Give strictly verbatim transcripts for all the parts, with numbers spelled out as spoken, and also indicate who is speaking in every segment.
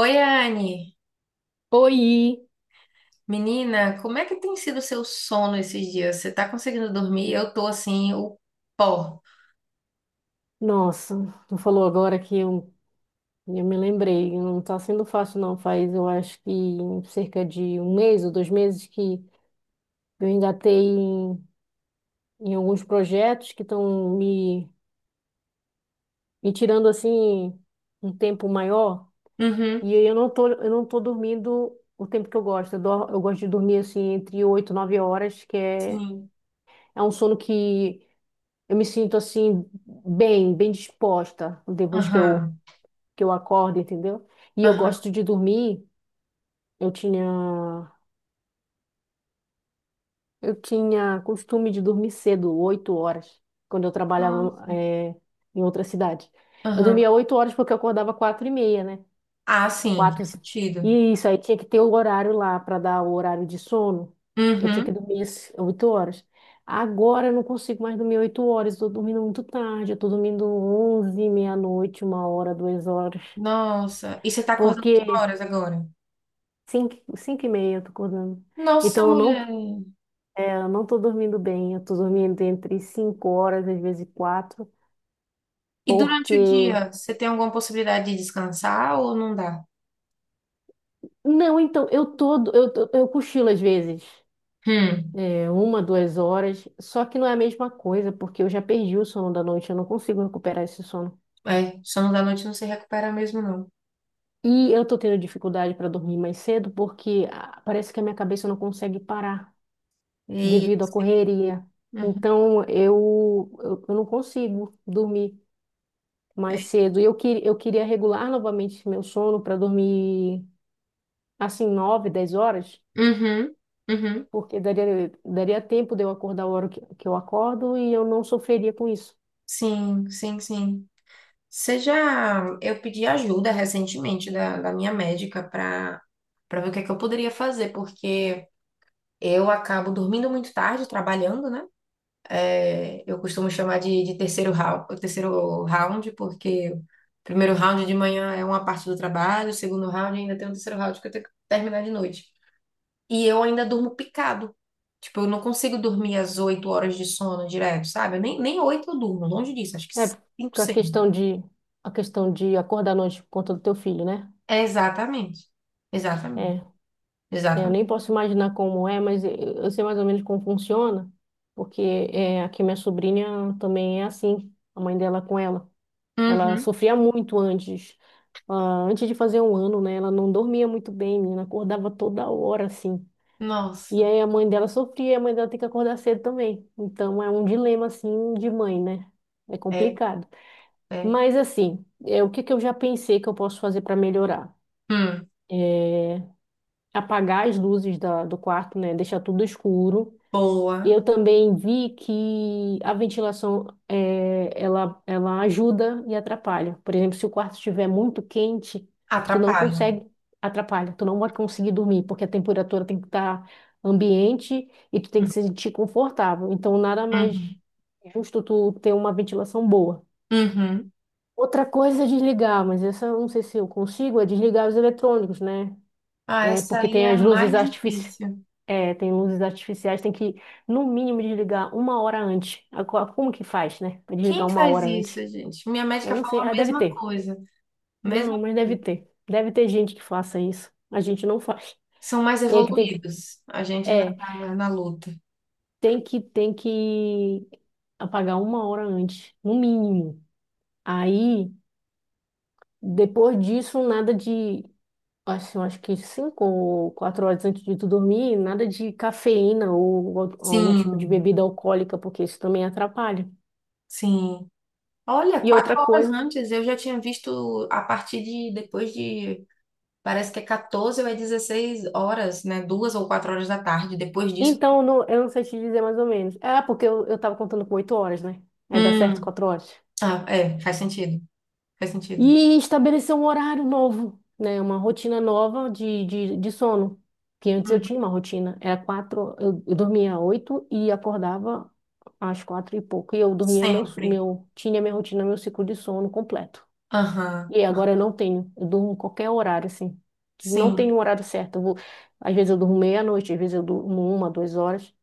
Speaker 1: Oi, Anne.
Speaker 2: Oi!
Speaker 1: Menina, como é que tem sido o seu sono esses dias? Você tá conseguindo dormir? Eu tô assim, o pó.
Speaker 2: Nossa, tu falou agora que eu, eu me lembrei, não tá sendo fácil não, faz eu acho que cerca de um mês ou dois meses que eu engatei em, em alguns projetos que estão me, me tirando assim um tempo maior
Speaker 1: Uhum.
Speaker 2: e eu não tô, eu não tô dormindo o tempo que eu gosto, eu, dor- eu gosto de dormir assim entre oito e nove horas, que é,
Speaker 1: Sim.
Speaker 2: é um sono que eu me sinto assim bem, bem disposta depois que eu
Speaker 1: Aham.
Speaker 2: que eu acordo, entendeu? E eu
Speaker 1: Aham.
Speaker 2: gosto de dormir. Eu tinha, eu tinha costume de dormir cedo, oito horas, quando eu trabalhava,
Speaker 1: Nossa.
Speaker 2: eh, em outra cidade. Eu
Speaker 1: Aham.
Speaker 2: dormia oito horas porque eu acordava quatro e meia, né?
Speaker 1: Ah, sim,
Speaker 2: Quatro.
Speaker 1: faz
Speaker 2: E
Speaker 1: sentido.
Speaker 2: E isso aí tinha que ter o horário lá para dar o horário de sono. Eu tinha que
Speaker 1: Uhum.
Speaker 2: dormir as oito horas. Agora eu não consigo mais dormir oito horas. Estou dormindo muito tarde. Eu estou dormindo onze, meia-noite, uma hora, duas horas.
Speaker 1: Nossa. E você tá acordando que
Speaker 2: Porque
Speaker 1: horas agora?
Speaker 2: cinco, cinco e meia eu tô acordando.
Speaker 1: Nossa,
Speaker 2: Então eu não,
Speaker 1: mulher.
Speaker 2: é, eu não tô dormindo bem, eu tô dormindo entre cinco horas, às vezes quatro,
Speaker 1: E durante o
Speaker 2: porque.
Speaker 1: dia, você tem alguma possibilidade de descansar ou não dá?
Speaker 2: Não, então, eu tô, eu, tô- eu cochilo às vezes,
Speaker 1: Hum.
Speaker 2: é, uma, duas horas, só que não é a mesma coisa, porque eu já perdi o sono da noite, eu não consigo recuperar esse sono.
Speaker 1: É, sono da noite não se recupera mesmo, não.
Speaker 2: E eu tô tendo dificuldade para dormir mais cedo, porque ah, parece que a minha cabeça não consegue parar
Speaker 1: E.
Speaker 2: devido à correria.
Speaker 1: Uhum.
Speaker 2: Então, eu, eu, eu não consigo dormir mais cedo. E eu, que, eu queria regular novamente meu sono para dormir assim, nove dez horas,
Speaker 1: Uhum. Uhum.
Speaker 2: porque daria, daria tempo de eu acordar a hora que, que eu acordo e eu não sofreria com isso.
Speaker 1: Sim, sim, sim. seja Eu pedi ajuda recentemente da, da minha médica para para ver o que é que eu poderia fazer, porque eu acabo dormindo muito tarde, trabalhando, né? É, eu costumo chamar de, de terceiro round, terceiro round, porque o primeiro round de manhã é uma parte do trabalho, o segundo round ainda tem um terceiro round que eu tenho que terminar de noite. E eu ainda durmo picado. Tipo, eu não consigo dormir as oito horas de sono direto, sabe? Eu nem, nem oito eu durmo, longe disso, acho que
Speaker 2: É,
Speaker 1: cinco,
Speaker 2: porque a
Speaker 1: seis.
Speaker 2: questão de, a questão de acordar à noite por conta do teu filho, né?
Speaker 1: Exatamente. Exatamente.
Speaker 2: É, eu
Speaker 1: Exatamente.
Speaker 2: nem posso imaginar como é, mas eu, eu sei mais ou menos como funciona, porque é, aqui minha sobrinha também é assim, a mãe dela com ela. Ela
Speaker 1: Uhum.
Speaker 2: sofria muito antes, ah, antes de fazer um ano, né? Ela não dormia muito bem, menina, acordava toda hora, assim. E
Speaker 1: Nossa.
Speaker 2: aí a mãe dela sofria, e a mãe dela tem que acordar cedo também. Então é um dilema, assim, de mãe, né? É
Speaker 1: É,
Speaker 2: complicado.
Speaker 1: é.
Speaker 2: Mas, assim, é, o que que eu já pensei que eu posso fazer para melhorar?
Speaker 1: Hum.
Speaker 2: Apagar as luzes da, do quarto, né? Deixar tudo escuro. E
Speaker 1: Boa.
Speaker 2: eu também vi que a ventilação eh, ela, ela ajuda e atrapalha. Por exemplo, se o quarto estiver muito quente, tu não
Speaker 1: Atrapalha.
Speaker 2: consegue, atrapalha, tu não vai conseguir dormir, porque a temperatura tem que estar ambiente e tu tem que
Speaker 1: Hum.
Speaker 2: se sentir confortável. Então, nada mais
Speaker 1: Uhum.
Speaker 2: justo tu ter uma ventilação boa.
Speaker 1: Uhum.
Speaker 2: Outra coisa é desligar, mas essa eu não sei se eu consigo, é desligar os eletrônicos, né?
Speaker 1: Ah,
Speaker 2: É,
Speaker 1: essa
Speaker 2: porque
Speaker 1: aí é
Speaker 2: tem
Speaker 1: a
Speaker 2: as luzes
Speaker 1: mais
Speaker 2: artificiais.
Speaker 1: difícil.
Speaker 2: É, tem luzes artificiais, tem que, no mínimo, desligar uma hora antes. A co- Como que faz, né? Pra desligar
Speaker 1: Quem
Speaker 2: uma
Speaker 1: faz
Speaker 2: hora antes.
Speaker 1: isso, gente? Minha
Speaker 2: Eu
Speaker 1: médica
Speaker 2: não
Speaker 1: falou
Speaker 2: sei, ah,
Speaker 1: a
Speaker 2: deve
Speaker 1: mesma
Speaker 2: ter.
Speaker 1: coisa. Mesmo
Speaker 2: Não, mas deve ter. Deve ter gente que faça isso. A gente não faz.
Speaker 1: são mais
Speaker 2: E aí que tem que,
Speaker 1: evoluídos. A gente ainda
Speaker 2: é,
Speaker 1: tá na luta.
Speaker 2: tem que, tem que apagar uma hora antes, no mínimo. Aí, depois disso, nada de, assim, eu acho que cinco ou quatro horas antes de tu dormir, nada de cafeína ou, ou algum tipo de
Speaker 1: Sim,
Speaker 2: bebida alcoólica, porque isso também atrapalha.
Speaker 1: sim. Olha,
Speaker 2: E
Speaker 1: quatro
Speaker 2: outra
Speaker 1: horas
Speaker 2: coisa.
Speaker 1: antes eu já tinha visto a partir de depois de parece que é quatorze ou é dezesseis horas, né? Duas ou quatro horas da tarde. Depois disso.
Speaker 2: Então, não- eu não sei te dizer mais ou menos. Ah, porque eu, eu tava contando com oito horas, né? Aí dá certo
Speaker 1: Hum,
Speaker 2: quatro horas.
Speaker 1: Ah, é, faz sentido. Faz sentido.
Speaker 2: E estabelecer um horário novo, né? Uma rotina nova de, de, de sono. Que antes eu
Speaker 1: Hum,
Speaker 2: tinha uma rotina. Era quatro, eu, eu dormia oito e acordava às quatro e pouco. E eu dormia meu,
Speaker 1: sempre.
Speaker 2: meu, tinha minha rotina, meu ciclo de sono completo.
Speaker 1: Aham,
Speaker 2: E agora eu não tenho. Eu durmo qualquer horário, assim. Não
Speaker 1: sim.
Speaker 2: tenho um horário certo. Eu vou, às vezes eu durmo meia-noite, às vezes eu durmo uma, duas horas.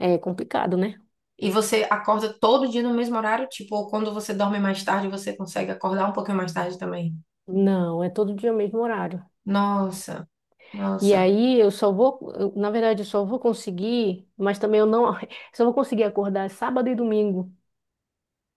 Speaker 2: É complicado, né?
Speaker 1: E você acorda todo dia no mesmo horário? Tipo, ou quando você dorme mais tarde, você consegue acordar um pouquinho mais tarde também?
Speaker 2: Não, é todo dia o mesmo horário.
Speaker 1: Nossa,
Speaker 2: E
Speaker 1: nossa.
Speaker 2: aí eu só vou, eu, na verdade, eu só vou conseguir, mas também eu não, só vou conseguir acordar sábado e domingo,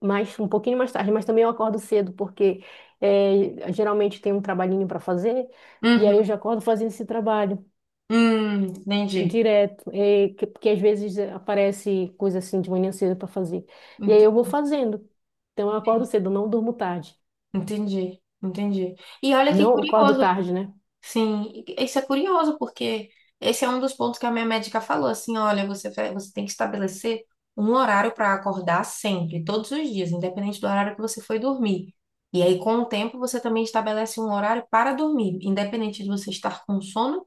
Speaker 2: mas um pouquinho mais tarde, mas também eu acordo cedo, porque é, geralmente tem um trabalhinho para fazer, e aí eu
Speaker 1: Uhum.
Speaker 2: já acordo fazendo esse trabalho
Speaker 1: Hum, entendi.
Speaker 2: direto, é, que, porque às vezes eh, aparece coisa assim de manhã cedo para fazer. E aí
Speaker 1: Ent-
Speaker 2: eu vou fazendo. Então eu acordo cedo, não durmo tarde.
Speaker 1: Entendi, entendi. E olha que
Speaker 2: Não acordo
Speaker 1: curioso,
Speaker 2: tarde, né?
Speaker 1: sim, e isso é curioso, porque esse é um dos pontos que a minha médica falou, assim, olha, você, vai- você tem que estabelecer um horário para acordar sempre, todos os dias, independente do horário que você foi dormir. E aí, com o tempo, você também estabelece um horário para dormir, independente de você estar com sono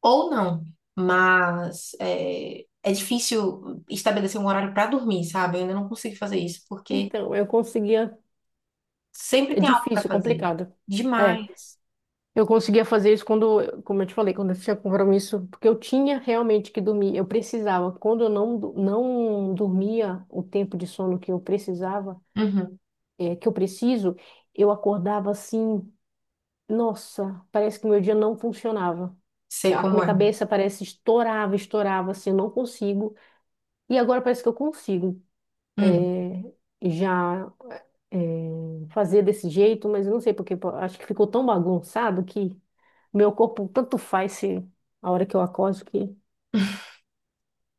Speaker 1: ou não. Mas é, é difícil estabelecer um horário para dormir, sabe? Eu ainda não consigo fazer isso, porque
Speaker 2: Então, eu consegui.
Speaker 1: sempre
Speaker 2: É
Speaker 1: tem algo para
Speaker 2: difícil,
Speaker 1: fazer.
Speaker 2: complicado. É,
Speaker 1: Demais.
Speaker 2: eu conseguia fazer isso quando, como eu te falei, quando eu tinha compromisso, porque eu tinha realmente que dormir, eu precisava. Quando eu não, do- não dormia o tempo de sono que eu precisava,
Speaker 1: Uhum,
Speaker 2: é, que eu preciso, eu acordava assim, nossa, parece que meu dia não funcionava.
Speaker 1: sei
Speaker 2: A
Speaker 1: como
Speaker 2: minha
Speaker 1: é.
Speaker 2: cabeça parece estourava, estourava, assim, eu não consigo. E agora parece que eu consigo.
Speaker 1: Uhum.
Speaker 2: É, já eh, fazer desse jeito, mas eu não sei porque pô, acho que ficou tão bagunçado que meu corpo tanto faz se a hora que eu acordo que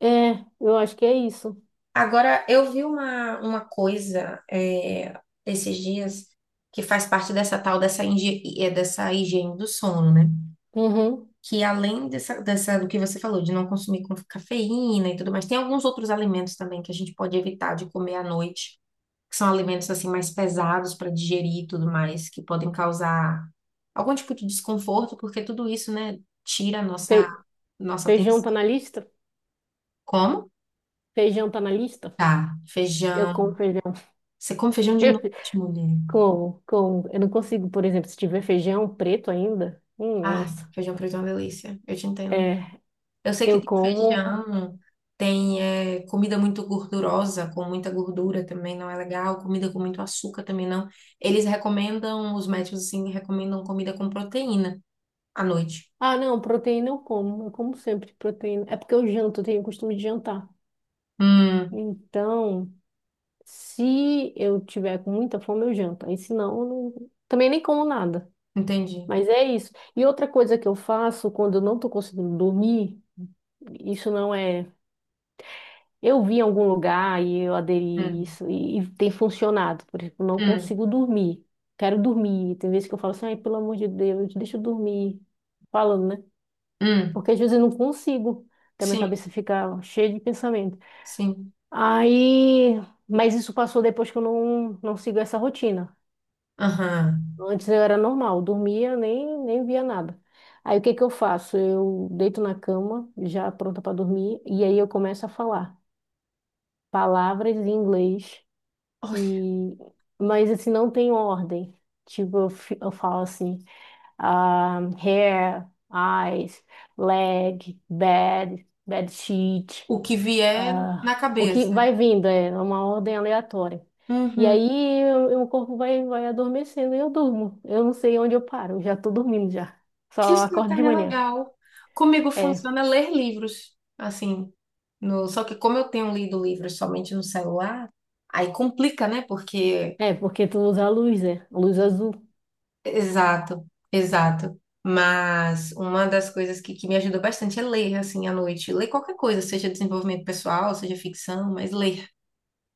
Speaker 2: é, eu acho que é isso.
Speaker 1: Agora, eu vi uma, uma coisa é, esses dias que faz parte dessa tal dessa, inge- é, dessa higiene do sono, né?
Speaker 2: Uhum.
Speaker 1: Que além dessa, dessa, do que você falou, de não consumir com cafeína e tudo mais, tem alguns outros alimentos também que a gente pode evitar de comer à noite, que são alimentos assim mais pesados para digerir e tudo mais, que podem causar algum tipo de desconforto, porque tudo isso, né, tira a nossa,
Speaker 2: Fe-
Speaker 1: nossa
Speaker 2: Feijão tá
Speaker 1: atenção.
Speaker 2: na lista?
Speaker 1: Como?
Speaker 2: Feijão tá na lista?
Speaker 1: Tá,
Speaker 2: Eu
Speaker 1: feijão.
Speaker 2: como feijão.
Speaker 1: Você come feijão de noite, mulher?
Speaker 2: Com, com, eu não consigo, por exemplo, se tiver feijão preto ainda, hum,
Speaker 1: Ai,
Speaker 2: nossa.
Speaker 1: feijão preto é uma delícia. Eu te entendo.
Speaker 2: É,
Speaker 1: Eu sei que
Speaker 2: eu
Speaker 1: tem
Speaker 2: como.
Speaker 1: feijão, tem eh, comida muito gordurosa, com muita gordura também não é legal, comida com muito açúcar também não. Eles recomendam, os médicos assim, recomendam comida com proteína à noite.
Speaker 2: Ah, não, proteína eu como. Eu como sempre proteína. É porque eu janto, eu tenho o costume de jantar.
Speaker 1: Hum,
Speaker 2: Então, se eu tiver com muita fome, eu janto. Aí, se não, eu não- também nem como nada.
Speaker 1: entendi.
Speaker 2: Mas é isso. E outra coisa que eu faço quando eu não estou conseguindo dormir, isso não é. Eu vi em algum lugar e eu aderi
Speaker 1: Hum,
Speaker 2: isso e, e, tem funcionado. Por exemplo, não
Speaker 1: hum,
Speaker 2: consigo dormir. Quero dormir. Tem vezes que eu falo assim, ai, pelo amor de Deus, deixa eu dormir. Falando, né?
Speaker 1: hum.
Speaker 2: Porque às vezes eu não consigo. Até minha
Speaker 1: Sim,
Speaker 2: cabeça fica cheia de pensamento.
Speaker 1: sim.
Speaker 2: Aí. Mas isso passou depois que eu não, não sigo essa rotina.
Speaker 1: Aham.
Speaker 2: Antes eu era normal, dormia, nem, nem via nada. Aí o que que eu faço? Eu deito na cama, já pronta para dormir, e aí eu começo a falar palavras em inglês, e mas assim, não tem ordem. Tipo, eu, fi- eu falo assim, ah, hair, eyes, leg, bed, bed sheet.
Speaker 1: O que vier na
Speaker 2: Ah, o que
Speaker 1: cabeça.
Speaker 2: vai vindo é uma ordem aleatória. E
Speaker 1: Uhum.
Speaker 2: aí eu- eu- o corpo vai, vai adormecendo e eu durmo. Eu não sei onde eu paro, eu já tô dormindo já. Só
Speaker 1: Isso,
Speaker 2: acordo de
Speaker 1: Natália, é
Speaker 2: manhã.
Speaker 1: legal. Comigo
Speaker 2: É,
Speaker 1: funciona ler livros, assim. No... Só que como eu tenho lido livros somente no celular, aí complica, né? Porque.
Speaker 2: é porque tu usa a luz, né? Luz azul.
Speaker 1: Exato, exato. Mas uma das coisas que, que me ajuda bastante é ler, assim, à noite. Ler qualquer coisa, seja desenvolvimento pessoal, seja ficção, mas ler.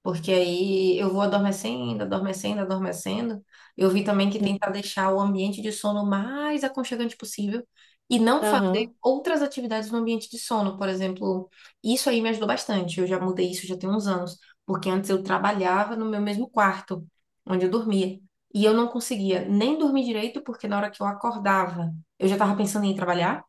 Speaker 1: Porque aí eu vou adormecendo, adormecendo, adormecendo. Eu vi também que tentar deixar o ambiente de sono mais aconchegante possível e não fazer
Speaker 2: Aham.
Speaker 1: outras atividades no ambiente de sono, por exemplo. Isso aí me ajudou bastante. Eu já mudei isso já tem uns anos, porque antes eu trabalhava no meu mesmo quarto, onde eu dormia. E eu não conseguia nem dormir direito, porque na hora que eu acordava, eu já estava pensando em ir trabalhar.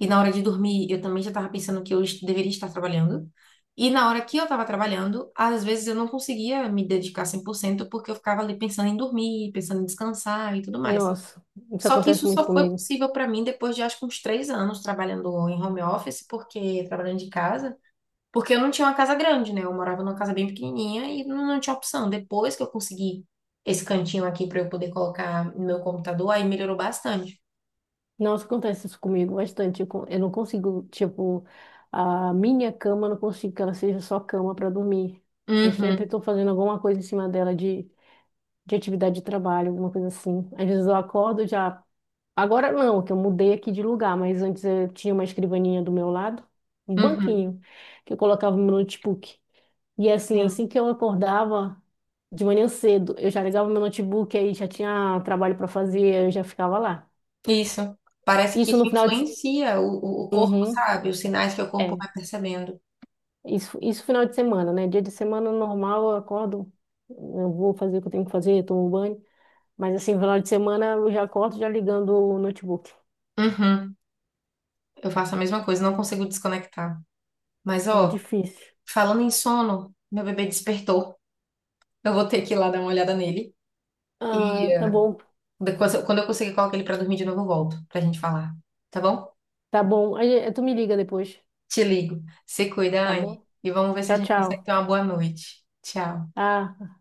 Speaker 1: E na hora de dormir, eu também já estava pensando que eu est- deveria estar trabalhando. E na hora que eu estava trabalhando, às vezes eu não conseguia me dedicar cem por cento porque eu ficava ali pensando em dormir, pensando em descansar e tudo mais.
Speaker 2: Nossa, isso
Speaker 1: Só que isso
Speaker 2: acontece muito
Speaker 1: só foi
Speaker 2: comigo.
Speaker 1: possível para mim depois de acho que uns três anos trabalhando em home office, porque trabalhando de casa, porque eu não tinha uma casa grande, né? Eu morava numa casa bem pequenininha e não, não tinha opção. Depois que eu consegui esse cantinho aqui para eu poder colocar no meu computador, aí melhorou bastante.
Speaker 2: Nossa, acontece isso comigo bastante. Eu con- eu não consigo, tipo, a minha cama, eu não consigo que ela seja só cama para dormir. Eu sempre
Speaker 1: Uhum,
Speaker 2: tô fazendo alguma coisa em cima dela de de atividade de trabalho, alguma coisa assim. Às vezes eu acordo já. Agora não, que eu mudei aqui de lugar, mas antes eu tinha uma escrivaninha do meu lado, um
Speaker 1: uhum,
Speaker 2: banquinho, que eu colocava meu notebook. E assim,
Speaker 1: sim.
Speaker 2: assim que eu acordava de manhã cedo, eu já ligava meu notebook, aí já tinha trabalho para fazer, eu já ficava lá.
Speaker 1: Isso. Parece que
Speaker 2: Isso
Speaker 1: isso
Speaker 2: no final de. se-
Speaker 1: influencia o, o o corpo,
Speaker 2: Uhum,
Speaker 1: sabe? Os sinais que o corpo
Speaker 2: é.
Speaker 1: vai percebendo.
Speaker 2: Isso, isso final de semana, né? Dia de semana normal, eu acordo, eu vou fazer o que eu tenho que fazer, tomo banho. Mas assim, final de semana eu já acordo já ligando o notebook.
Speaker 1: Uhum. Eu faço a mesma coisa, não consigo desconectar. Mas,
Speaker 2: É
Speaker 1: ó,
Speaker 2: difícil.
Speaker 1: falando em sono, meu bebê despertou. Eu vou ter que ir lá dar uma olhada nele. E
Speaker 2: Ah, tá
Speaker 1: eh,
Speaker 2: bom.
Speaker 1: depois, quando eu conseguir colocar ele pra dormir de novo, eu volto pra gente falar. Tá bom?
Speaker 2: Tá bom. Aí, eh, tu me liga depois,
Speaker 1: Te ligo. Se cuida,
Speaker 2: tá
Speaker 1: Anne.
Speaker 2: bom?
Speaker 1: E vamos ver se a
Speaker 2: Tchau,
Speaker 1: gente consegue
Speaker 2: tchau.
Speaker 1: ter uma boa noite. Tchau.
Speaker 2: Ah.